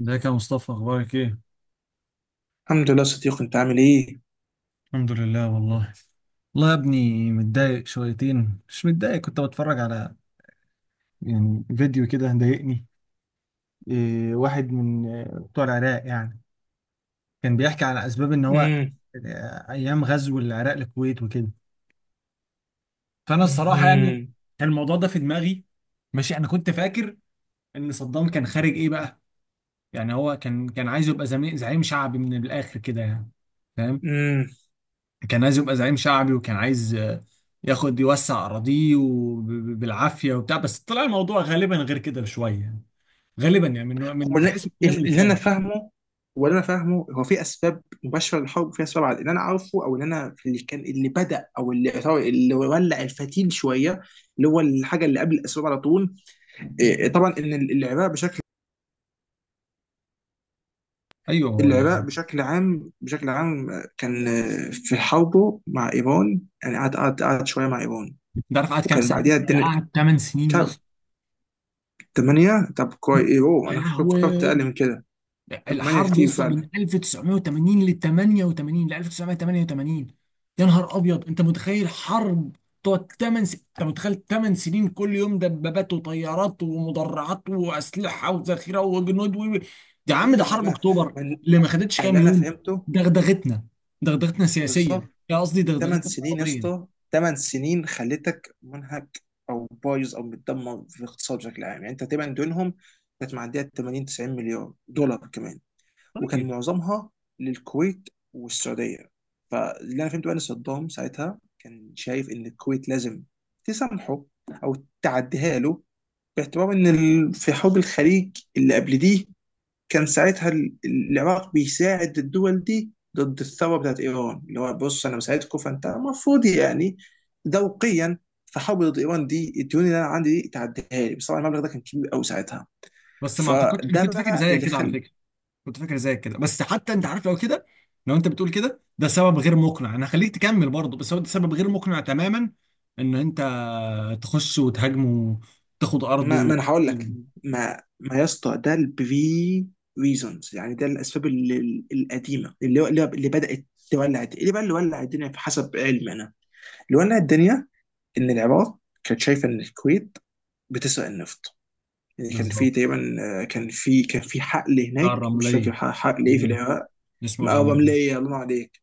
ازيك يا مصطفى؟ اخبارك ايه؟ الحمد لله، صديق. انت عامل ايه؟ الحمد لله والله. والله يا ابني متضايق شويتين، مش متضايق، كنت بتفرج على فيديو كده ضايقني. إيه، واحد من بتوع العراق يعني، كان بيحكي على اسباب ان هو امم ايام غزو العراق للكويت وكده. فانا الصراحه يعني امم كان الموضوع ده في دماغي. ماشي، انا كنت فاكر ان صدام كان خارج ايه بقى. يعني هو كان عايز يبقى زعيم شعبي من الاخر كده يعني، فاهم؟ امم كان عايز يبقى زعيم شعبي، وكان عايز ياخد يوسع أراضيه وب- ب- بالعافية وبتاع، بس طلع الموضوع غالبا غير كده بشوية. غالبا يعني من هو من حيث الكلام اللي اللي انا اتقال. فاهمه، هو اللي انا فاهمه، هو في اسباب مباشره للحرب، وفي اسباب على اللي انا عارفه، او اللي انا في اللي كان اللي بدا او اللي اللي ولع الفتيل شويه، اللي هو الحاجه اللي قبل الاسباب على طول. إيه، إيه، طبعا ان العراق بشكل، ايوه، هو العراق لا. بشكل عام، بشكل عام كان في حربه مع ايران، يعني قعد شويه مع ايران، ده عارف قعد كام وكان سنة؟ بعديها ده الدنيا. قعد 8 سنين يا طب، اسطى. 8 طب كويس. ايه، اوه، يا انا فكرت لهوي. اقل من كده. ثمانية الحرب يا كتير اسطى فعلا. من 1980 ل 88 ل 1988. يا نهار ابيض، انت متخيل حرب تقعد انت متخيل 8 سنين كل يوم دبابات وطيارات ومدرعات واسلحه وذخيره وجنود و... يا عم ده كتير. حرب اكتوبر ما, اللي ما خدتش ما اللي كام انا يوم. فهمته. دغدغتنا دغدغتنا سياسيا. بالظبط. يا قصدي ثمان دغدغتنا سنين يا اقتصاديا. اسطى، ثمان سنين خلتك منهك او بايظ او متدمر في الاقتصاد بشكل عام. يعني انت تقريبا دونهم كانت معديه 80 90 مليار دولار كمان، وكان طيب. معظمها للكويت والسعوديه. فاللي انا فهمته بقى، ان صدام ساعتها كان شايف ان الكويت لازم تسامحه، او تعديها له، باعتبار ان في حرب الخليج اللي قبل دي كان ساعتها العراق بيساعد الدول دي ضد الثوره بتاعت ايران، اللي هو بص، انا مساعدكم، فانت المفروض يعني ذوقيا، فحاول ضد ايران دي، الديون اللي انا عندي دي تعديها لي. بس طبعا المبلغ ده كان كبير قوي ساعتها. بس ما اعتقدش، انا فده كنت فاكر بقى زيك اللي كده على خل، فكره، كنت فاكر زيك كده، بس حتى انت عارف لو كده، لو انت بتقول كده ده سبب غير مقنع. انا هخليك تكمل برضه، بس هو ده سبب غير مقنع تماما، ان انت تخش وتهاجمه وتاخد ارضه ما, و... ما انا هقول لك، ما ما يا اسطى، ده البري ريزونز. يعني ده الاسباب القديمه، اللي بدات تولع اللي بقى اللي ولع الدنيا، في حسب علمي انا. اللي ولع الدنيا ان العراق كانت شايفه ان الكويت بتسرق النفط. يعني كان في بالظبط. تقريبا كان في، كان في حقل بتاع هناك، مش الرمليه. فاكر حقل ايه في ايوه، العراق. اسمه او الرمليه. رمليه، الله ينور عليك.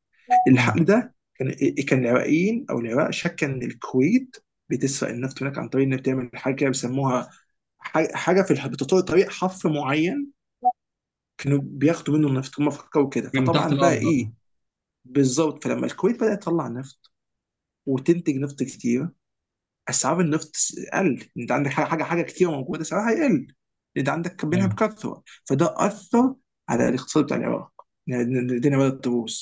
مم. الحقل ده كان كان العراقيين او العراق شك ان الكويت بتسرق النفط هناك، عن طريق انها بتعمل حاجه كده بيسموها حاجه في بتطور طريق حفر معين، كانوا بياخدوا منه النفط هم، فكروا كده. من تحت فطبعا بقى الارض، ايه، آه. بالظبط. فلما الكويت بدات تطلع نفط وتنتج نفط كتير، اسعار النفط قل. انت عندك حاجه كتير موجوده، سعرها هيقل، انت عندك منها ايوه، بكثره. فده اثر على الاقتصاد بتاع العراق، الدنيا بدات تبوظ.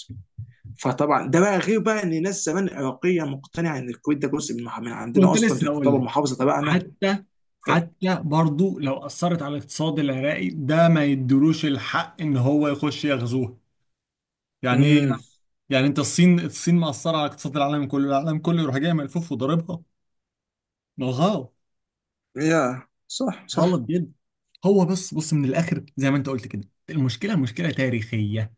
فطبعا ده بقى غير بقى ان ناس زمان عراقيه مقتنعه ان الكويت ده جزء من عندنا كنت اصلا، لسه هقول تعتبر لك. محافظه تبعنا. حتى ف، حتى برضه لو اثرت على الاقتصاد العراقي، ده ما يدلوش الحق ان هو يخش يغزوه. يعني إيه؟ امم يعني انت الصين، الصين مأثرة على اقتصاد العالم كله، العالم كله يروح جاي ملفوف وضاربها؟ ما هو غلط، يا صح، غلط صح. جدا. هو بس بص، من الاخر زي ما انت قلت كده، المشكلة مشكلة تاريخية.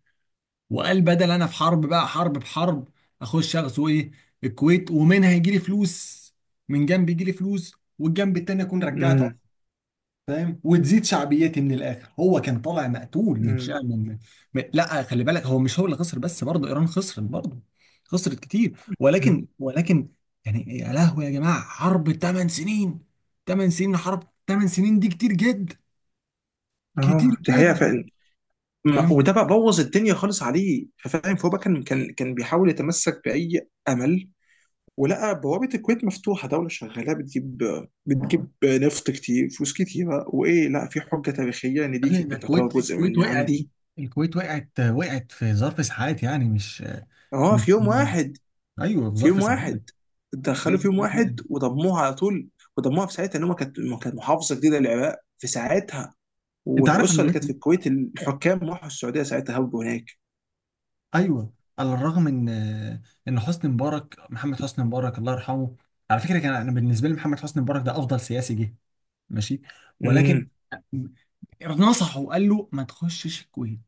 وقال بدل انا في حرب بقى، حرب بحرب، اخش اغزو ايه؟ الكويت، ومنها يجي لي فلوس. من جنب يجي لي فلوس، والجنب التاني اكون رجعت، امم فاهم، وتزيد شعبيتي. من الاخر، هو كان طالع مقتول من امم شأن لا، خلي بالك، هو مش هو اللي خسر بس، برضه ايران خسرت برضه، خسرت كتير، أمم. ولكن. يعني يا لهوي يا جماعه، حرب 8 سنين، 8 سنين، حرب 8 سنين دي كتير جدا، كتير اه، دي حقيقه جدا. فعلا. فاهم وده بقى بوظ الدنيا خالص عليه، فاهم؟ فهو بقى كان بيحاول يتمسك باي امل، ولقى بوابة الكويت مفتوحة، دولة شغالة بتجيب نفط كتير، فلوس كتيرة. لا، في حجة تاريخية إن يا دي ابني، ده كانت تعتبر الكويت، جزء الكويت من وقعت، عندي. الكويت وقعت، في ظرف ساعات، يعني مش أه، مش في يوم واحد، ايوه، في في يوم ظرف ساعات، واحد في دخلوا في ظرف يوم ساعات وقعت. واحد وضموها على طول. وضموها في ساعتها، إن هم كانت، ما كانت محافظة جديدة للعراق في ساعتها، انت عارف انا والأسرة اللي لغايه، كانت في الكويت الحكام راحوا السعودية ساعتها، هربوا هناك. ايوه، على الرغم ان حسني مبارك، محمد حسني مبارك الله يرحمه، على فكره كان، انا بالنسبه لي محمد حسني مبارك ده افضل سياسي جه. ماشي، ولكن امم نصحه وقال له ما تخشش الكويت،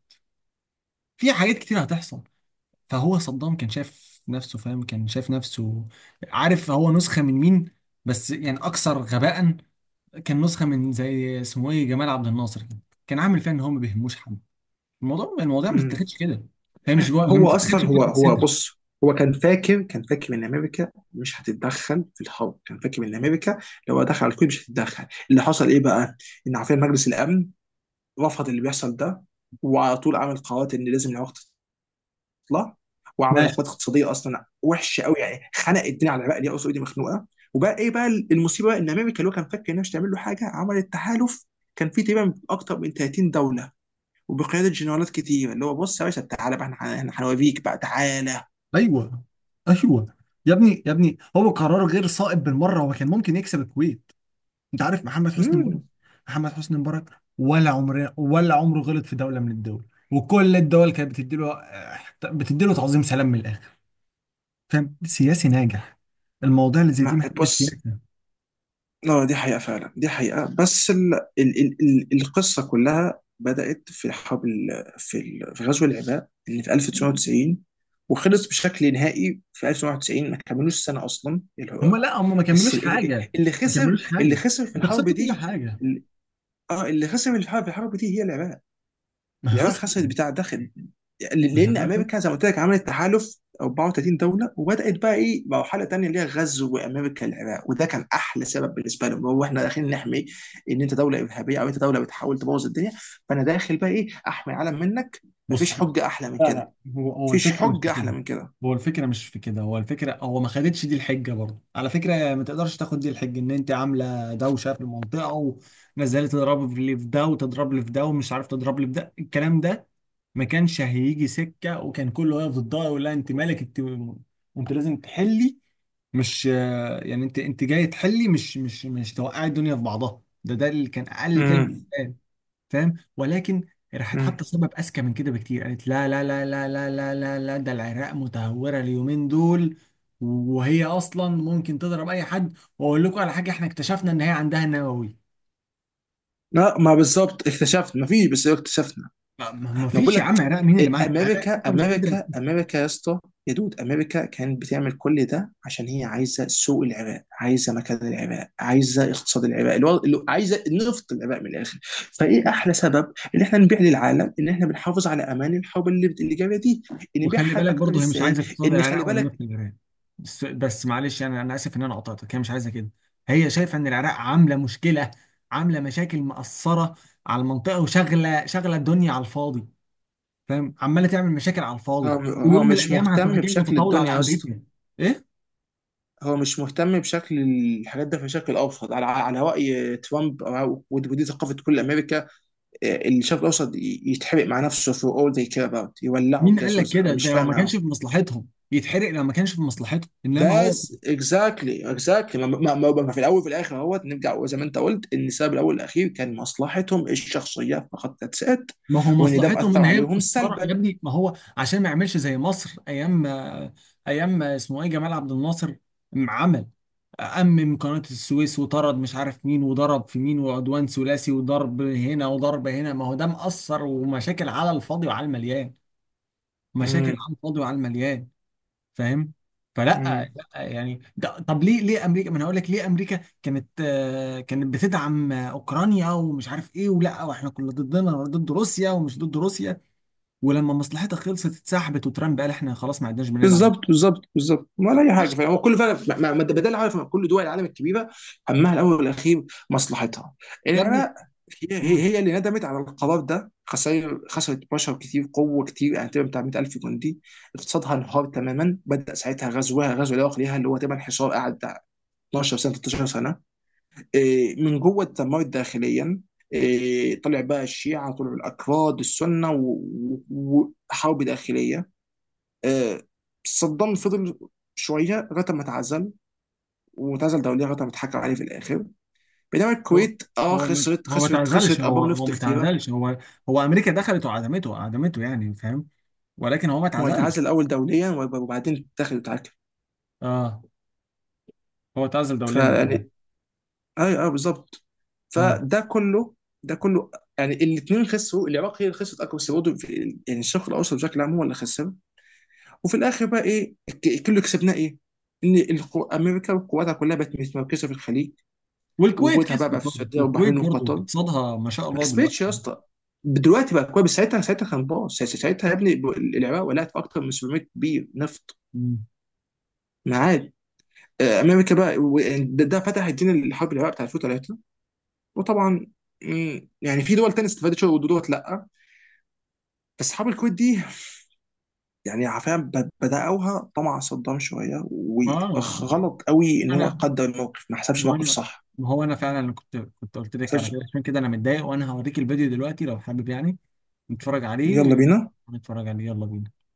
في حاجات كتير هتحصل. فهو صدام كان شايف نفسه، فاهم، كان شايف نفسه، عارف هو نسخه من مين؟ بس يعني اكثر غباء. كان نسخه من، زي اسمه ايه، جمال عبد الناصر كده. كان عامل فيها ان هو ما بيهموش حد. الموضوع ما امم. بتتاخدش كده، فاهم، مش هو ما هو بتتاخدش اصلا، هو بفتحه هو صدر. بص، هو كان فاكر، كان فاكر ان امريكا مش هتتدخل في الحرب. كان فاكر ان امريكا لو دخل على الكويت مش هتتدخل. اللي حصل ايه بقى، ان عارفين مجلس الامن رفض اللي بيحصل ده، وعلى طول عمل قرارات ان لازم العراق تطلع، وعمل عقوبات اقتصاديه اصلا وحشه قوي، يعني خنق الدنيا على العراق اللي هي اصلا ايدي مخنوقه. وبقى ايه بقى المصيبه بقى، ان امريكا اللي هو كان فاكر انها مش هتعمل له حاجه، عملت تحالف كان فيه تقريبا اكتر من 30 دوله، وبقياده جنرالات كتير، اللي هو بص يا باشا، تعالى بقى، احنا هنوريك بقى، تعالى. ايوه، ايوه. يا ابني يا ابني، هو قرار غير صائب بالمره، هو كان ممكن يكسب الكويت. انت عارف محمد حسني مبارك، امم محمد حسني مبارك ولا عمره، غلط في دوله من الدول، وكل الدول كانت بتديله بتديله تعظيم سلام من الاخر. فاهم، سياسي ناجح. المواضيع اللي زي دي ما محتاجه بص، سياسه. لا دي حقيقة فعلا، دي حقيقة. بس القصة كلها بدأت في حرب في غزو العراق اللي في 1990، وخلص بشكل نهائي في 1991. ما كملوش سنة أصلا اللي هم هو. لا، هم ما بس كملوش حاجه، اللي ما خسر، كملوش اللي حاجه، خسر في انت الحرب خسرت كل دي، حاجه. ال- اه، اللي خسر في الحرب، في الحرب دي هي العراق. ما العراق خسرت. خسرت بتاع داخل، لان امريكا زي ما قلت لك عملت تحالف 34 دوله، وبدات بقى ايه مرحله تانيه، اللي هي غزو امريكا العراق، وده كان احلى سبب بالنسبه لهم. هو احنا داخلين نحمي، ان انت دوله ارهابيه او انت دوله بتحاول تبوظ الدنيا، فانا داخل بقى ايه، احمي العالم منك. مفيش بص، حجه احلى من لا كده، لا، هو مفيش الفكره مش حجه في احلى كده، من كده. هو الفكره مش في كده، هو الفكره، هو ما خدتش دي الحجه برضه على فكره. ما تقدرش تاخد دي الحجه ان انت عامله دوشه في المنطقه، ونزلت تضرب لي في ده وتضرب لي في ده ومش عارف تضرب لي في ده، الكلام ده ما كانش هيجي سكه، وكان كله واقف ضدها يقول لها انت مالك انت؟ انت لازم تحلي، مش، يعني انت جاي تحلي، مش مش توقعي الدنيا في بعضها، ده اللي كان اقل كلمه، امم فاهم. ولكن راحت امم حاطه سبب اذكى من كده بكتير، قالت لا لا لا لا لا لا لا لا، ده العراق متهوره اليومين دول، وهي اصلا ممكن تضرب اي حد، واقول لكم على حاجه، احنا اكتشفنا ان هي عندها نووي. لا، ما بالظبط اكتشفت مفيش، بس اكتشفنا. ما انا بقول فيش يا لك، عم، عراق مين اللي معاها؟ العراق امريكا اصلا مش قادره. امريكا امريكا يا اسطى، يا دود، امريكا كانت بتعمل كل ده عشان هي عايزه سوق العراق، عايزه مكان العراق، عايزه اقتصاد العراق الوضع، اللي عايزه نفط العراق من الاخر. فايه احلى سبب ان احنا نبيع للعالم ان احنا بنحافظ على امان الحرب اللي جايه دي، إن وخلي نبيعها بالك اكتر برضه، هي مش ازاي. عايزه اقتصاد ان العراق خلي ولا بالك، نفط العراق. بس بس معلش، انا، اسف ان انا قطعتك، هي مش عايزه كده. هي شايفه ان العراق عامله مشكله، عامله مشاكل مأثره على المنطقه، وشغله، الدنيا على الفاضي، فاهم، عماله تعمل مشاكل على الفاضي، هو، هو ويوم من مش الايام هتروح مهتم جايه بشكل متطاوله الدنيا على يا اسطى، امريكا. ايه، هو مش مهتم بشكل الحاجات ده، بشكل ابسط على على راي ترامب ودي ثقافه كل امريكا. الشرق الاوسط يتحرق مع نفسه، for all they care about، يولعوا مين قال بجاز لك وزع. كده؟ مش ده لو فارق ما كانش معاهم. في مصلحتهم يتحرق، لو ما كانش في مصلحته انما هو. بس اكزاكتلي، اكزاكتلي، ما, ما, ما في الاول وفي الاخر اهوت نرجع زي ما انت قلت، ان السبب الاول والاخير كان مصلحتهم الشخصيه فقط، ذاتس ات. ما هو وان ده مصلحتهم مأثر ان هي عليهم مقصره يا سلبا. ابني، ما هو عشان ما يعملش زي مصر ايام، ايام اسمه ايه، جمال عبد الناصر، عمل أمم قناة السويس، وطرد مش عارف مين، وضرب في مين، وعدوان ثلاثي، وضرب هنا وضرب هنا. ما هو ده مأثر، ومشاكل على الفاضي وعلى المليان، مشاكل على الفاضي وعلى المليان، فاهم. فلا، امم لا يعني ده، طب ليه، امريكا، ما انا هقول لك، ليه امريكا كانت كانت بتدعم اوكرانيا ومش عارف ايه، ولا واحنا كنا ضدنا ضد روسيا ومش ضد روسيا، ولما مصلحتها خلصت اتسحبت، وترامب قال احنا خلاص ما عدناش بندعم. بالظبط، بالظبط، بالظبط ولا اي حاجه. عشان، فهو كل فعلا، ما ما- ما ده ده اللي، عارف، كل دول العالم الكبيره همها الاول والاخير مصلحتها. يا ابني. العراق، هي هي مم. هي اللي ندمت على القرار ده. خسائر، خسرت بشر كتير، قوه كتير، يعني تقريبا بتاع 100,000 جندي. اقتصادها انهار تماما. بدا ساعتها غزوها، غزو العراق ليها، اللي هو تقريبا حصار قعد بتاع 12 سنه، 13 سنه. من جوه اتدمرت داخليا. طلع بقى الشيعه، طلعوا الاكراد، السنه، وحرب داخليه. آه، صدام فضل شويه لغايه ما اتعزل، واتعزل دوليا لغايه ما اتحكم عليه في الاخر. بينما هو، الكويت اه ما خسرت، هو، خسرت خسرت ابار نفط ما كتيره. تعزلش هو، هو امريكا دخلت وعدمته، يعني، فاهم، ولكن هو ما ما هو تعزلش. هيتعزل الاول دوليا وبعدين تاخد وتعاكل. اه، هو تعزل دوليا الامر. فيعني، ايوه، ايوه، بالظبط. مم. فده كله، ده كله، يعني الاثنين خسروا. العراق هي اللي خسرت اكبر، بس برضه يعني الشرق الاوسط بشكل عام هو اللي خسر. وفي الاخر بقى ايه كله كسبناه ايه؟ ان امريكا وقواتها كلها بقت متمركزه في الخليج، والكويت وجودها بقى, كسبت بقى في برضه، السعوديه والكويت والبحرين برضه وقطر. اقتصادها ما شاء ما الله كسبتش دلوقتي. يا اسطى، دلوقتي بقى كويس. ساعتها كان باص، ساعتها يا ابني، العراق ولعت في اكتر من 700 بير نفط مم. معاد. امريكا بقى ده فتح الدين الحرب العراق بتاع 2003. وطبعا يعني في دول تانية استفادت شويه ودول لا. بس حرب الكويت دي، يعني فعلا بدأوها طمع صدام شويه، ما هو وغلط قوي ان هو انا، قدر الموقف، ما حسبش ما هو موقف انا صح، ما هو انا فعلا كنت، قلت ما لك على حسبش. كده، عشان كده انا متضايق، وانا هوريك الفيديو دلوقتي لو حابب، يعني نتفرج يلا عليه، بينا. نتفرج عليه، يلا بينا.